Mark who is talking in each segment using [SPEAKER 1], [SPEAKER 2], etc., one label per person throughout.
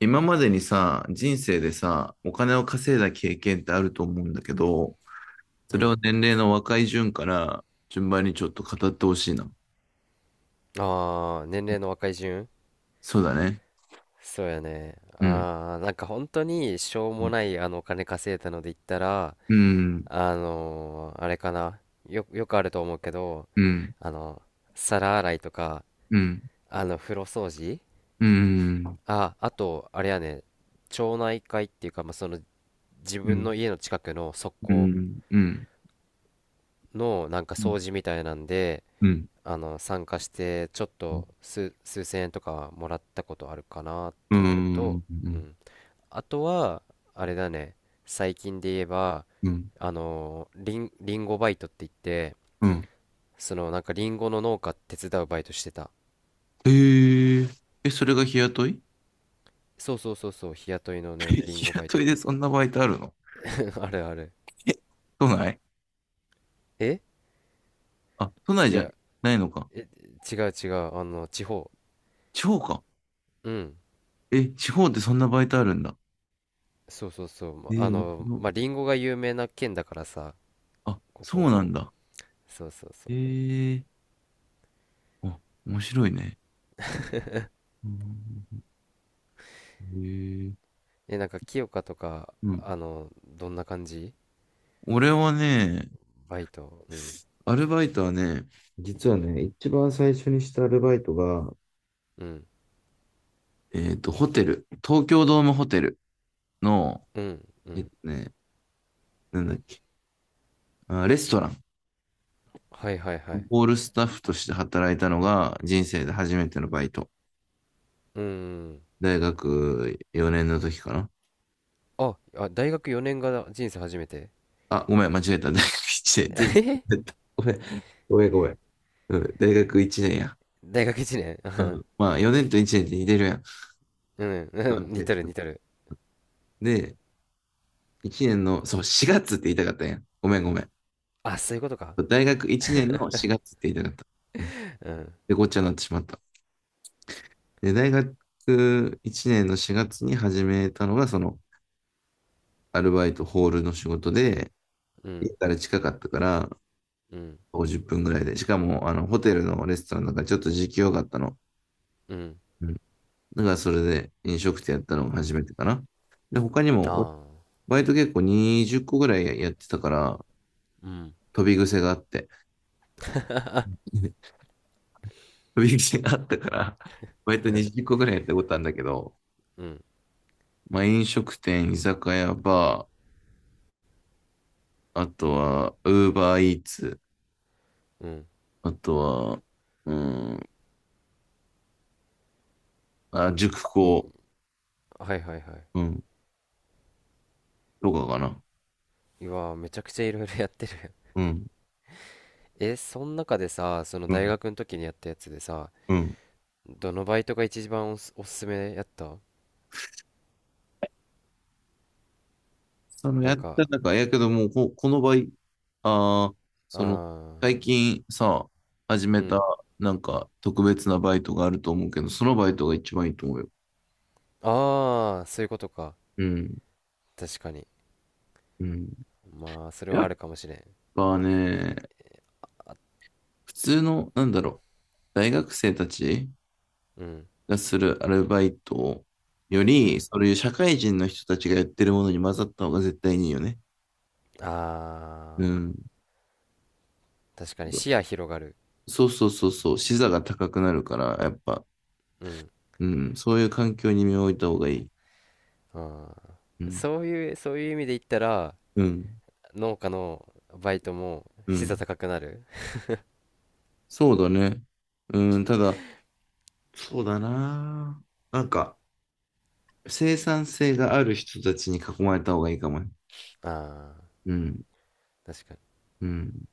[SPEAKER 1] 今までにさ、人生でさ、お金を稼いだ経験ってあると思うんだけど、そ
[SPEAKER 2] う
[SPEAKER 1] れを
[SPEAKER 2] ん。
[SPEAKER 1] 年齢の若い順から順番にちょっと語ってほしいな。
[SPEAKER 2] ああ、年齢の若い順、
[SPEAKER 1] そうだね。
[SPEAKER 2] そうやね。
[SPEAKER 1] うん。
[SPEAKER 2] ああ、なんか本当にしょう
[SPEAKER 1] う
[SPEAKER 2] も
[SPEAKER 1] ん。
[SPEAKER 2] ないお金稼いだので言ったら、
[SPEAKER 1] うん。
[SPEAKER 2] あれかな。よくあると思うけど、
[SPEAKER 1] うん。
[SPEAKER 2] あの、皿洗いとか、
[SPEAKER 1] うん。
[SPEAKER 2] 風呂掃除、
[SPEAKER 1] うん。
[SPEAKER 2] あ、あと、あれやね、町内会っていうか、まあ、その、自
[SPEAKER 1] うん。う
[SPEAKER 2] 分
[SPEAKER 1] ん。
[SPEAKER 2] の家の近くの側
[SPEAKER 1] う
[SPEAKER 2] 溝
[SPEAKER 1] ん。うん。
[SPEAKER 2] のなんか掃除みたいなんで、参加して、ちょっと数千円とかもらったことあるかなっていうのと、うん。あとは、あれだね、最近で言えば、
[SPEAKER 1] うん。
[SPEAKER 2] リンゴバイトって言って、
[SPEAKER 1] うん。
[SPEAKER 2] そのなんかリンゴの農家手伝うバイトしてた。
[SPEAKER 1] ええ。え、それが日雇い。
[SPEAKER 2] そうそうそうそう、日雇いのね、リン
[SPEAKER 1] 日
[SPEAKER 2] ゴバイト
[SPEAKER 1] 雇
[SPEAKER 2] っ
[SPEAKER 1] いで
[SPEAKER 2] て。
[SPEAKER 1] そんなバイトあるの？
[SPEAKER 2] あるある。
[SPEAKER 1] え、都内。
[SPEAKER 2] え、
[SPEAKER 1] あ、都内
[SPEAKER 2] い
[SPEAKER 1] じゃ
[SPEAKER 2] や、
[SPEAKER 1] ないのか。
[SPEAKER 2] え、違う違う、あの、地方。
[SPEAKER 1] 地方か。
[SPEAKER 2] うん。
[SPEAKER 1] え、地方ってそんなバイトあるんだ。
[SPEAKER 2] そうそうそう。ま
[SPEAKER 1] え
[SPEAKER 2] あ
[SPEAKER 1] え、面
[SPEAKER 2] の、
[SPEAKER 1] 白
[SPEAKER 2] ま
[SPEAKER 1] い。
[SPEAKER 2] あ、リンゴが有名な県だからさ、
[SPEAKER 1] あ、
[SPEAKER 2] こ
[SPEAKER 1] そう
[SPEAKER 2] こ。
[SPEAKER 1] なんだ。
[SPEAKER 2] そうそうそう。
[SPEAKER 1] ええ、あ、面白いね。うん。ええ、
[SPEAKER 2] え、なんか清香とか、
[SPEAKER 1] うん。
[SPEAKER 2] あの、どんな感じ、
[SPEAKER 1] 俺はね、
[SPEAKER 2] バイト。うん。
[SPEAKER 1] アルバイトはね、実はね、一番最初にしたアルバイトが、
[SPEAKER 2] うん。
[SPEAKER 1] ホテル、東京ドームホテルの、
[SPEAKER 2] うん。う
[SPEAKER 1] えっ
[SPEAKER 2] ん。
[SPEAKER 1] とね、なんだっけ、あ、レストラン、
[SPEAKER 2] はいはいはい。
[SPEAKER 1] ホールスタッフとして働いたのが人生で初めてのバイト。
[SPEAKER 2] うん。
[SPEAKER 1] 大学4年の時かな。
[SPEAKER 2] あ、あ、大学4年が人生初めて。
[SPEAKER 1] あ、ごめん、間違えた。大学1 年、全然
[SPEAKER 2] え、
[SPEAKER 1] 間違えた。ごめん、ごめん、ごめん。うん、大学1年や。
[SPEAKER 2] 大学1年。
[SPEAKER 1] う ん。まあ、4年と1年って似てるやん。
[SPEAKER 2] うん、うん、似てる似てる。
[SPEAKER 1] で、1年の、そう、4月って言いたかったんや。ごめんごめん。
[SPEAKER 2] あ、そういうことか。
[SPEAKER 1] 大学1年の4月って言いたかった。うん。
[SPEAKER 2] うん、
[SPEAKER 1] で、ごっちゃになってしまった。で、大学1年の4月に始めたのが、その、アルバイトホールの仕事で、
[SPEAKER 2] う
[SPEAKER 1] 家
[SPEAKER 2] ん、
[SPEAKER 1] から近かったから、
[SPEAKER 2] うん、
[SPEAKER 1] 50分ぐらいで。しかも、あの、ホテルのレストランだからちょっと時給良かったの。
[SPEAKER 2] うん。
[SPEAKER 1] うん。だからそれで飲食店やったのが初めてかな。で、他に
[SPEAKER 2] あ
[SPEAKER 1] も、
[SPEAKER 2] あ、
[SPEAKER 1] バイト結構20個ぐらいやってたから、
[SPEAKER 2] うん、
[SPEAKER 1] 飛び癖があって。飛び癖があったから、バイト
[SPEAKER 2] うん、
[SPEAKER 1] 20個ぐらいやったことあるんだけど、
[SPEAKER 2] うん、
[SPEAKER 1] まあ飲食店、居酒屋、バー、あとは、ウーバーイーツ、
[SPEAKER 2] うん。
[SPEAKER 1] あとは、うん、あ、塾
[SPEAKER 2] い、
[SPEAKER 1] 講、
[SPEAKER 2] はいはいはい。
[SPEAKER 1] うん、とかかな。
[SPEAKER 2] うわー、めちゃくちゃいろいろやってる。
[SPEAKER 1] うん、
[SPEAKER 2] え、その中でさ、その
[SPEAKER 1] う
[SPEAKER 2] 大
[SPEAKER 1] ん、
[SPEAKER 2] 学の時にやったやつでさ、
[SPEAKER 1] うん。
[SPEAKER 2] どのバイトが一番おすすめやった？
[SPEAKER 1] その
[SPEAKER 2] な
[SPEAKER 1] や
[SPEAKER 2] ん
[SPEAKER 1] っ
[SPEAKER 2] か、
[SPEAKER 1] た中、やけどもうこの場合、ああ、その、
[SPEAKER 2] ああ、
[SPEAKER 1] 最近さ、始め
[SPEAKER 2] う
[SPEAKER 1] た、
[SPEAKER 2] ん。
[SPEAKER 1] なんか、特別なバイトがあると思うけど、そのバイトが一番いいと思うよ。
[SPEAKER 2] ああ、そういうことか。
[SPEAKER 1] うん。
[SPEAKER 2] 確かに。
[SPEAKER 1] うん。
[SPEAKER 2] まあ、それ
[SPEAKER 1] や
[SPEAKER 2] はあ
[SPEAKER 1] っ
[SPEAKER 2] るかもしれん。
[SPEAKER 1] ぱね、普通の、なんだろう、大学生たち
[SPEAKER 2] うん。
[SPEAKER 1] がするアルバイトよ
[SPEAKER 2] う
[SPEAKER 1] り、
[SPEAKER 2] ん。
[SPEAKER 1] そういう社会人の人たちがやってるものに混ざった方が絶対にいいよね。
[SPEAKER 2] あ
[SPEAKER 1] うん。
[SPEAKER 2] ー、確かに視野広がる。
[SPEAKER 1] そうそうそうそう、視座が高くなるから、やっぱ、
[SPEAKER 2] うん。
[SPEAKER 1] うん、そういう環境に身を置いた方がいい。
[SPEAKER 2] あ
[SPEAKER 1] う
[SPEAKER 2] ー、
[SPEAKER 1] ん。
[SPEAKER 2] そういう、そういう意味で言ったら、
[SPEAKER 1] うん。
[SPEAKER 2] 農家のバイトも
[SPEAKER 1] う
[SPEAKER 2] 資座
[SPEAKER 1] ん。
[SPEAKER 2] 高くなる。
[SPEAKER 1] そうだね。うん、ただ、そうだな。なんか、生産性がある人たちに囲まれた方がいいかもね。
[SPEAKER 2] ああ、
[SPEAKER 1] うん。
[SPEAKER 2] 確かに。
[SPEAKER 1] うん。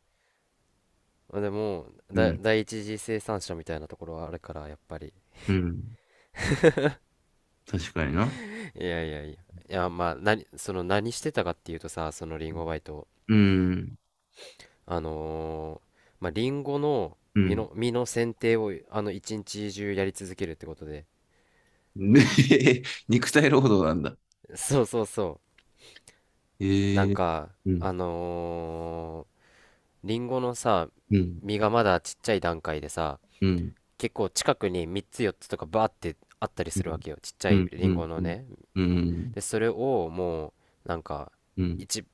[SPEAKER 2] でも、
[SPEAKER 1] う
[SPEAKER 2] だ、
[SPEAKER 1] ん。
[SPEAKER 2] 第一次生産者みたいなところはあるから、やっぱり。
[SPEAKER 1] うん。確かにな。
[SPEAKER 2] いやいやいや。いや、まあ、何、その何してたかっていうとさ、そのリンゴバイト。
[SPEAKER 1] うん
[SPEAKER 2] あのーまあ、リンゴの
[SPEAKER 1] う
[SPEAKER 2] 実
[SPEAKER 1] ん。
[SPEAKER 2] の、実の剪定を、あの、一日中やり続けるってことで。
[SPEAKER 1] ねえ、ね、肉体労働なんだ。
[SPEAKER 2] そうそうそう。な
[SPEAKER 1] え
[SPEAKER 2] ん
[SPEAKER 1] え。
[SPEAKER 2] か、
[SPEAKER 1] うん。
[SPEAKER 2] あのーリンゴのさ、
[SPEAKER 1] うん。
[SPEAKER 2] 実がまだちっちゃい段階でさ、
[SPEAKER 1] うん。
[SPEAKER 2] 結構近くに3つ4つとかバーってあったり
[SPEAKER 1] う
[SPEAKER 2] するわ
[SPEAKER 1] ん。
[SPEAKER 2] けよ。ちっちゃ
[SPEAKER 1] う
[SPEAKER 2] い
[SPEAKER 1] ん。
[SPEAKER 2] リ
[SPEAKER 1] う
[SPEAKER 2] ン
[SPEAKER 1] ん。
[SPEAKER 2] ゴの
[SPEAKER 1] うん。
[SPEAKER 2] ね。
[SPEAKER 1] うん。
[SPEAKER 2] で、それをもう、なんか、
[SPEAKER 1] うん。
[SPEAKER 2] 一、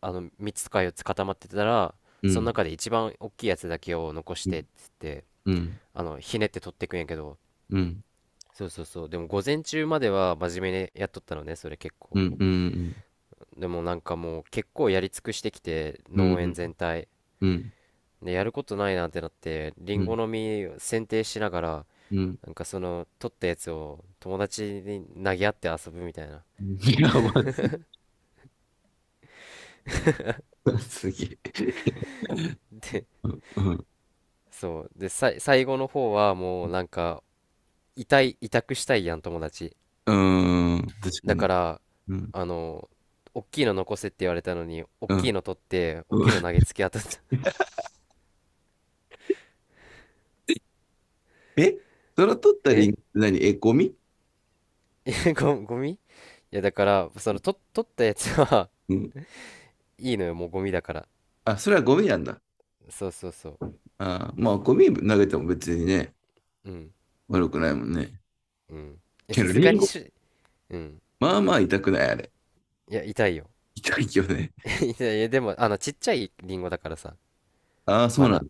[SPEAKER 2] あの、3つか4つ固まってたら、
[SPEAKER 1] う
[SPEAKER 2] その
[SPEAKER 1] ん。
[SPEAKER 2] 中で一番大きいやつだけを残し
[SPEAKER 1] うん。
[SPEAKER 2] てっつって、
[SPEAKER 1] うん。
[SPEAKER 2] あの、ひねって取ってくんやけど、
[SPEAKER 1] うん。
[SPEAKER 2] そうそうそう。でも午前中までは真面目にやっとったのね、それ結
[SPEAKER 1] う
[SPEAKER 2] 構。
[SPEAKER 1] ん。うん。
[SPEAKER 2] でもなんかもう結構やり尽くしてきて、
[SPEAKER 1] うん。う
[SPEAKER 2] 農園
[SPEAKER 1] ん。
[SPEAKER 2] 全体。で、やることないなってなって、リ
[SPEAKER 1] う
[SPEAKER 2] ンゴ
[SPEAKER 1] ん。
[SPEAKER 2] の実剪定しながら、
[SPEAKER 1] うん。
[SPEAKER 2] なんかその、取ったやつを友達に投げ合って遊ぶみたいな。
[SPEAKER 1] やばすぎ。すげえ。
[SPEAKER 2] で、
[SPEAKER 1] うん。
[SPEAKER 2] そう。で、さい、最後の方はもうなんか、委託したいやん、友達。
[SPEAKER 1] うん。確か
[SPEAKER 2] だ
[SPEAKER 1] に。
[SPEAKER 2] から、
[SPEAKER 1] うん。
[SPEAKER 2] あの、おっきいの残せって言われたのに、おっ
[SPEAKER 1] う
[SPEAKER 2] きい
[SPEAKER 1] ん。
[SPEAKER 2] の取って、おっきいの投げつけ当たった。
[SPEAKER 1] え、それ 取ったリ
[SPEAKER 2] え、
[SPEAKER 1] ンクって何？え、ゴミ？
[SPEAKER 2] えご ゴミ、いや、だから、その、と、取ったやつは
[SPEAKER 1] うん。
[SPEAKER 2] いいのよ、もうゴミだから。
[SPEAKER 1] あ、それはゴミなんだ。
[SPEAKER 2] そうそうそう。
[SPEAKER 1] ああ、まあ、ゴミ投げても別にね、
[SPEAKER 2] うん、
[SPEAKER 1] 悪くないもんね。
[SPEAKER 2] うん。いや、
[SPEAKER 1] け
[SPEAKER 2] さ
[SPEAKER 1] ど、
[SPEAKER 2] すが
[SPEAKER 1] リン
[SPEAKER 2] に
[SPEAKER 1] ゴ、
[SPEAKER 2] し、うん。
[SPEAKER 1] まあまあ痛くない、あれ。
[SPEAKER 2] いや、痛いよ。
[SPEAKER 1] 痛いよね。
[SPEAKER 2] いやいやでも、あの、ちっちゃいリンゴだからさ、
[SPEAKER 1] ああ、そ
[SPEAKER 2] ま
[SPEAKER 1] うなん
[SPEAKER 2] だ。
[SPEAKER 1] だ。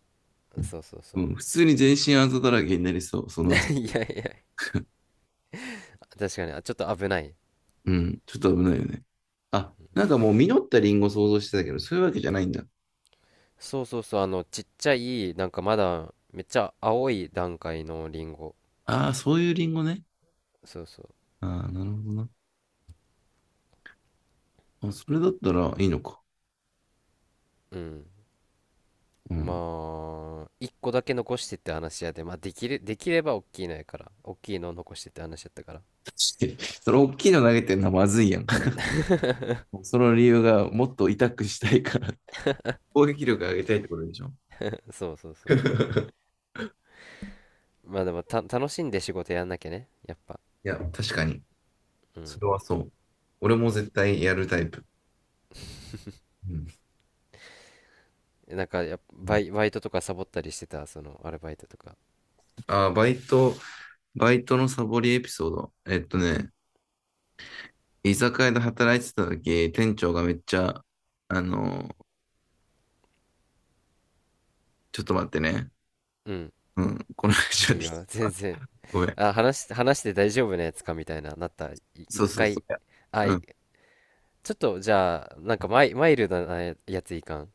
[SPEAKER 2] そうそうそ
[SPEAKER 1] う
[SPEAKER 2] う。
[SPEAKER 1] ん、普通に全身あざだらけになりそう、そ の朝。
[SPEAKER 2] いやいや、確かに、あ、ちょっと危ない。
[SPEAKER 1] うん、ちょっと危ないよね。あ、なんかもう実ったリンゴ想像してたけど、そういうわけじゃないんだ。
[SPEAKER 2] そうそうそう、あの、ちっちゃい、なんかまだ、めっちゃ青い段階のリンゴ。
[SPEAKER 1] ああ、そういうリンゴね。
[SPEAKER 2] そうそう。
[SPEAKER 1] ああ、なるほどな。あ、それだったらいいのか。
[SPEAKER 2] うん。
[SPEAKER 1] うん。
[SPEAKER 2] まあ、一個だけ残してって話やで、まあ、できる、できれば大きいのやから、大きいのを残してって話やったから。
[SPEAKER 1] 確かに。それ大きいの投げてんのはまずいやん。その理由がもっと痛くしたいから、攻撃力上げたいってことでしょ。
[SPEAKER 2] そうそうそう。まあでも、た、楽しんで仕事やんなきゃね、やっぱ。
[SPEAKER 1] いや、確かに。
[SPEAKER 2] う
[SPEAKER 1] そ
[SPEAKER 2] ん。
[SPEAKER 1] れはそう。俺も絶対やるタイプ。うん。
[SPEAKER 2] なんかやっぱ、
[SPEAKER 1] う
[SPEAKER 2] バ
[SPEAKER 1] ん、
[SPEAKER 2] イ、バイトとかサボったりしてた、その、アルバイトとか。
[SPEAKER 1] あー、バイト、バイトのサボりエピソード。えっとね、居酒屋で働いてた時、店長がめっちゃ、あの、ちょっと待ってね。
[SPEAKER 2] うん、
[SPEAKER 1] うん。この話は
[SPEAKER 2] いい
[SPEAKER 1] でき、
[SPEAKER 2] よ、全然。
[SPEAKER 1] ごめん。
[SPEAKER 2] あ、話し、話して大丈夫なやつかみたいな、なった。い、
[SPEAKER 1] そ
[SPEAKER 2] 一
[SPEAKER 1] うそうそ
[SPEAKER 2] 回。
[SPEAKER 1] う。いや、
[SPEAKER 2] あ、
[SPEAKER 1] う
[SPEAKER 2] い、
[SPEAKER 1] ん。
[SPEAKER 2] ちょっと、じゃあ、なんかマイルドなややついかん。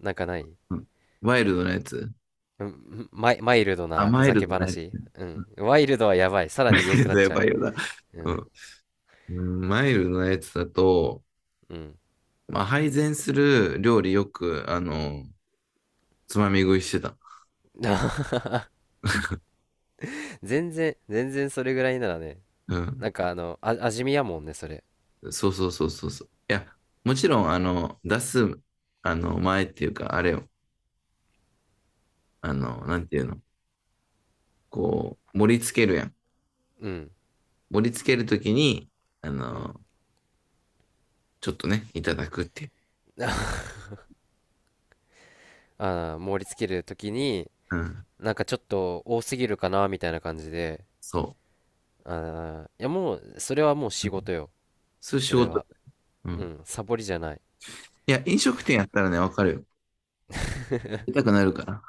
[SPEAKER 2] なんかない？
[SPEAKER 1] うん。ワイルドなやつ。
[SPEAKER 2] うん、マイルド
[SPEAKER 1] あ、
[SPEAKER 2] なふ
[SPEAKER 1] マイ
[SPEAKER 2] ざ
[SPEAKER 1] ル
[SPEAKER 2] け
[SPEAKER 1] ドなやつ
[SPEAKER 2] 話。
[SPEAKER 1] ね。
[SPEAKER 2] う
[SPEAKER 1] う
[SPEAKER 2] ん。
[SPEAKER 1] ん。
[SPEAKER 2] ワイルドはやばい。さ ら
[SPEAKER 1] マ
[SPEAKER 2] に言え
[SPEAKER 1] イ
[SPEAKER 2] ん
[SPEAKER 1] ル
[SPEAKER 2] くな
[SPEAKER 1] ド
[SPEAKER 2] っ
[SPEAKER 1] や
[SPEAKER 2] ちゃ
[SPEAKER 1] ば
[SPEAKER 2] う。
[SPEAKER 1] いよな。
[SPEAKER 2] う
[SPEAKER 1] う
[SPEAKER 2] ん。
[SPEAKER 1] ん。うん、マイルドなやつだと、
[SPEAKER 2] うん。
[SPEAKER 1] まあ、配膳する料理よく、あの、つまみ食いしてた。
[SPEAKER 2] 全然、全然それぐらいならね。
[SPEAKER 1] うん。
[SPEAKER 2] なんかあの、あ、味見やもんね、それ。
[SPEAKER 1] そうそうそうそうそう。いや、もちろん、あの、出す、あの、前っていうか、あれを、あの、なんていうの、こう、盛り付けるやん。
[SPEAKER 2] うん。
[SPEAKER 1] 盛り付けるときに、あ
[SPEAKER 2] うん。
[SPEAKER 1] の、ちょっとね、いただくっていう。
[SPEAKER 2] あー、盛り付けるときに、
[SPEAKER 1] うん、
[SPEAKER 2] なんかちょっと多すぎるかな、みたいな感じで。
[SPEAKER 1] そ
[SPEAKER 2] あー、いやもう、それはもう
[SPEAKER 1] う。
[SPEAKER 2] 仕
[SPEAKER 1] うん、
[SPEAKER 2] 事よ。
[SPEAKER 1] そういう
[SPEAKER 2] そ
[SPEAKER 1] 仕
[SPEAKER 2] れ
[SPEAKER 1] 事。
[SPEAKER 2] は、
[SPEAKER 1] う
[SPEAKER 2] う
[SPEAKER 1] ん。
[SPEAKER 2] ん、サボりじゃない。
[SPEAKER 1] いや、飲食店やったらね、わかるよ。出たくなるから。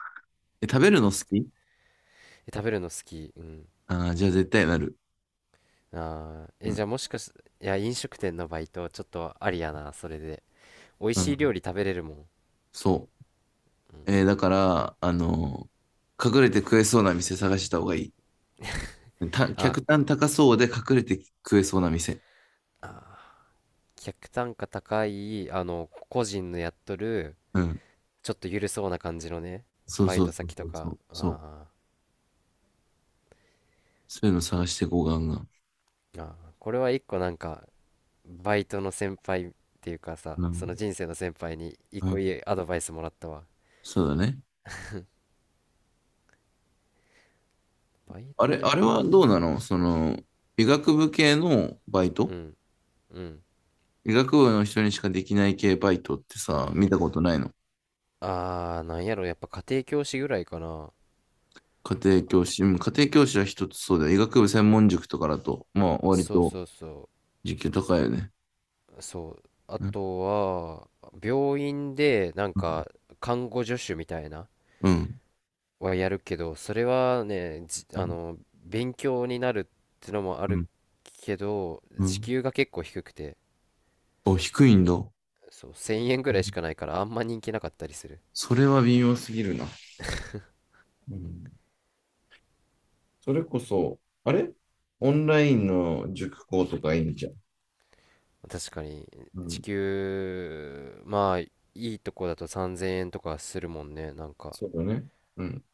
[SPEAKER 1] え、食べるの好
[SPEAKER 2] 確か、
[SPEAKER 1] き？
[SPEAKER 2] え、食べるの好き？うん、
[SPEAKER 1] あー、じゃあ絶対なる。
[SPEAKER 2] あー、
[SPEAKER 1] う
[SPEAKER 2] え、じ
[SPEAKER 1] ん。
[SPEAKER 2] ゃあもしかし、いや、飲食店のバイトちょっとありやな、それで。美味
[SPEAKER 1] う
[SPEAKER 2] しい料
[SPEAKER 1] ん。
[SPEAKER 2] 理食べれるもん、
[SPEAKER 1] そ
[SPEAKER 2] うん。
[SPEAKER 1] う。だから、あの、隠れて食えそうな店探した方がいい。
[SPEAKER 2] あー、
[SPEAKER 1] 客
[SPEAKER 2] こ、
[SPEAKER 1] 単高そうで隠れて食えそうな店。
[SPEAKER 2] あー、客単価高いあの個人のやっとる
[SPEAKER 1] うん。
[SPEAKER 2] ちょっと緩そうな感じのね
[SPEAKER 1] そう
[SPEAKER 2] バイ
[SPEAKER 1] そう
[SPEAKER 2] ト
[SPEAKER 1] そう
[SPEAKER 2] 先と
[SPEAKER 1] そうそ
[SPEAKER 2] か、
[SPEAKER 1] う。そう。
[SPEAKER 2] あ
[SPEAKER 1] そういうの探してこうガンガン。
[SPEAKER 2] ー、あー、これは一個なんかバイトの先輩っていうかさ、
[SPEAKER 1] う
[SPEAKER 2] その
[SPEAKER 1] ん。
[SPEAKER 2] 人生の先輩に一
[SPEAKER 1] う
[SPEAKER 2] 個
[SPEAKER 1] ん。
[SPEAKER 2] いいアドバイスもらったわ。
[SPEAKER 1] そうだね。
[SPEAKER 2] バイト
[SPEAKER 1] あれはどう
[SPEAKER 2] ね。
[SPEAKER 1] なの、その、医学部系のバイ
[SPEAKER 2] う
[SPEAKER 1] ト。
[SPEAKER 2] ん。うん。
[SPEAKER 1] 医学部の人にしかできない系バイトってさ、見たことないの？
[SPEAKER 2] あー、なんやろ、やっぱ家庭教師ぐらいかな。
[SPEAKER 1] 家庭教師。うん、家庭教師は一つそうだよ。医学部専門塾とかだと、まあ、割
[SPEAKER 2] そう
[SPEAKER 1] と
[SPEAKER 2] そうそ
[SPEAKER 1] 時給高いよね。
[SPEAKER 2] う。そう。あ
[SPEAKER 1] うん。
[SPEAKER 2] とは、病院で、なん
[SPEAKER 1] うん。
[SPEAKER 2] か、看護助手みたいな、
[SPEAKER 1] うん。
[SPEAKER 2] はやるけど、それはね、じ、あの、勉強になるってのもあ
[SPEAKER 1] う
[SPEAKER 2] る
[SPEAKER 1] ん。
[SPEAKER 2] けど、
[SPEAKER 1] う
[SPEAKER 2] 時
[SPEAKER 1] ん。
[SPEAKER 2] 給が結構低くて、
[SPEAKER 1] お、低いんだ。う
[SPEAKER 2] そう、1000円ぐらいしか
[SPEAKER 1] ん、
[SPEAKER 2] ないから、あんま人気なかったりする。
[SPEAKER 1] それは微妙すぎるな。うん、それこそ、あれ、オンラインの塾講とかいいんじゃん。
[SPEAKER 2] 確かに、
[SPEAKER 1] う
[SPEAKER 2] 時
[SPEAKER 1] ん。
[SPEAKER 2] 給、まあ、いいとこだと3000円とかするもんね、なんか。
[SPEAKER 1] そうだね。うん。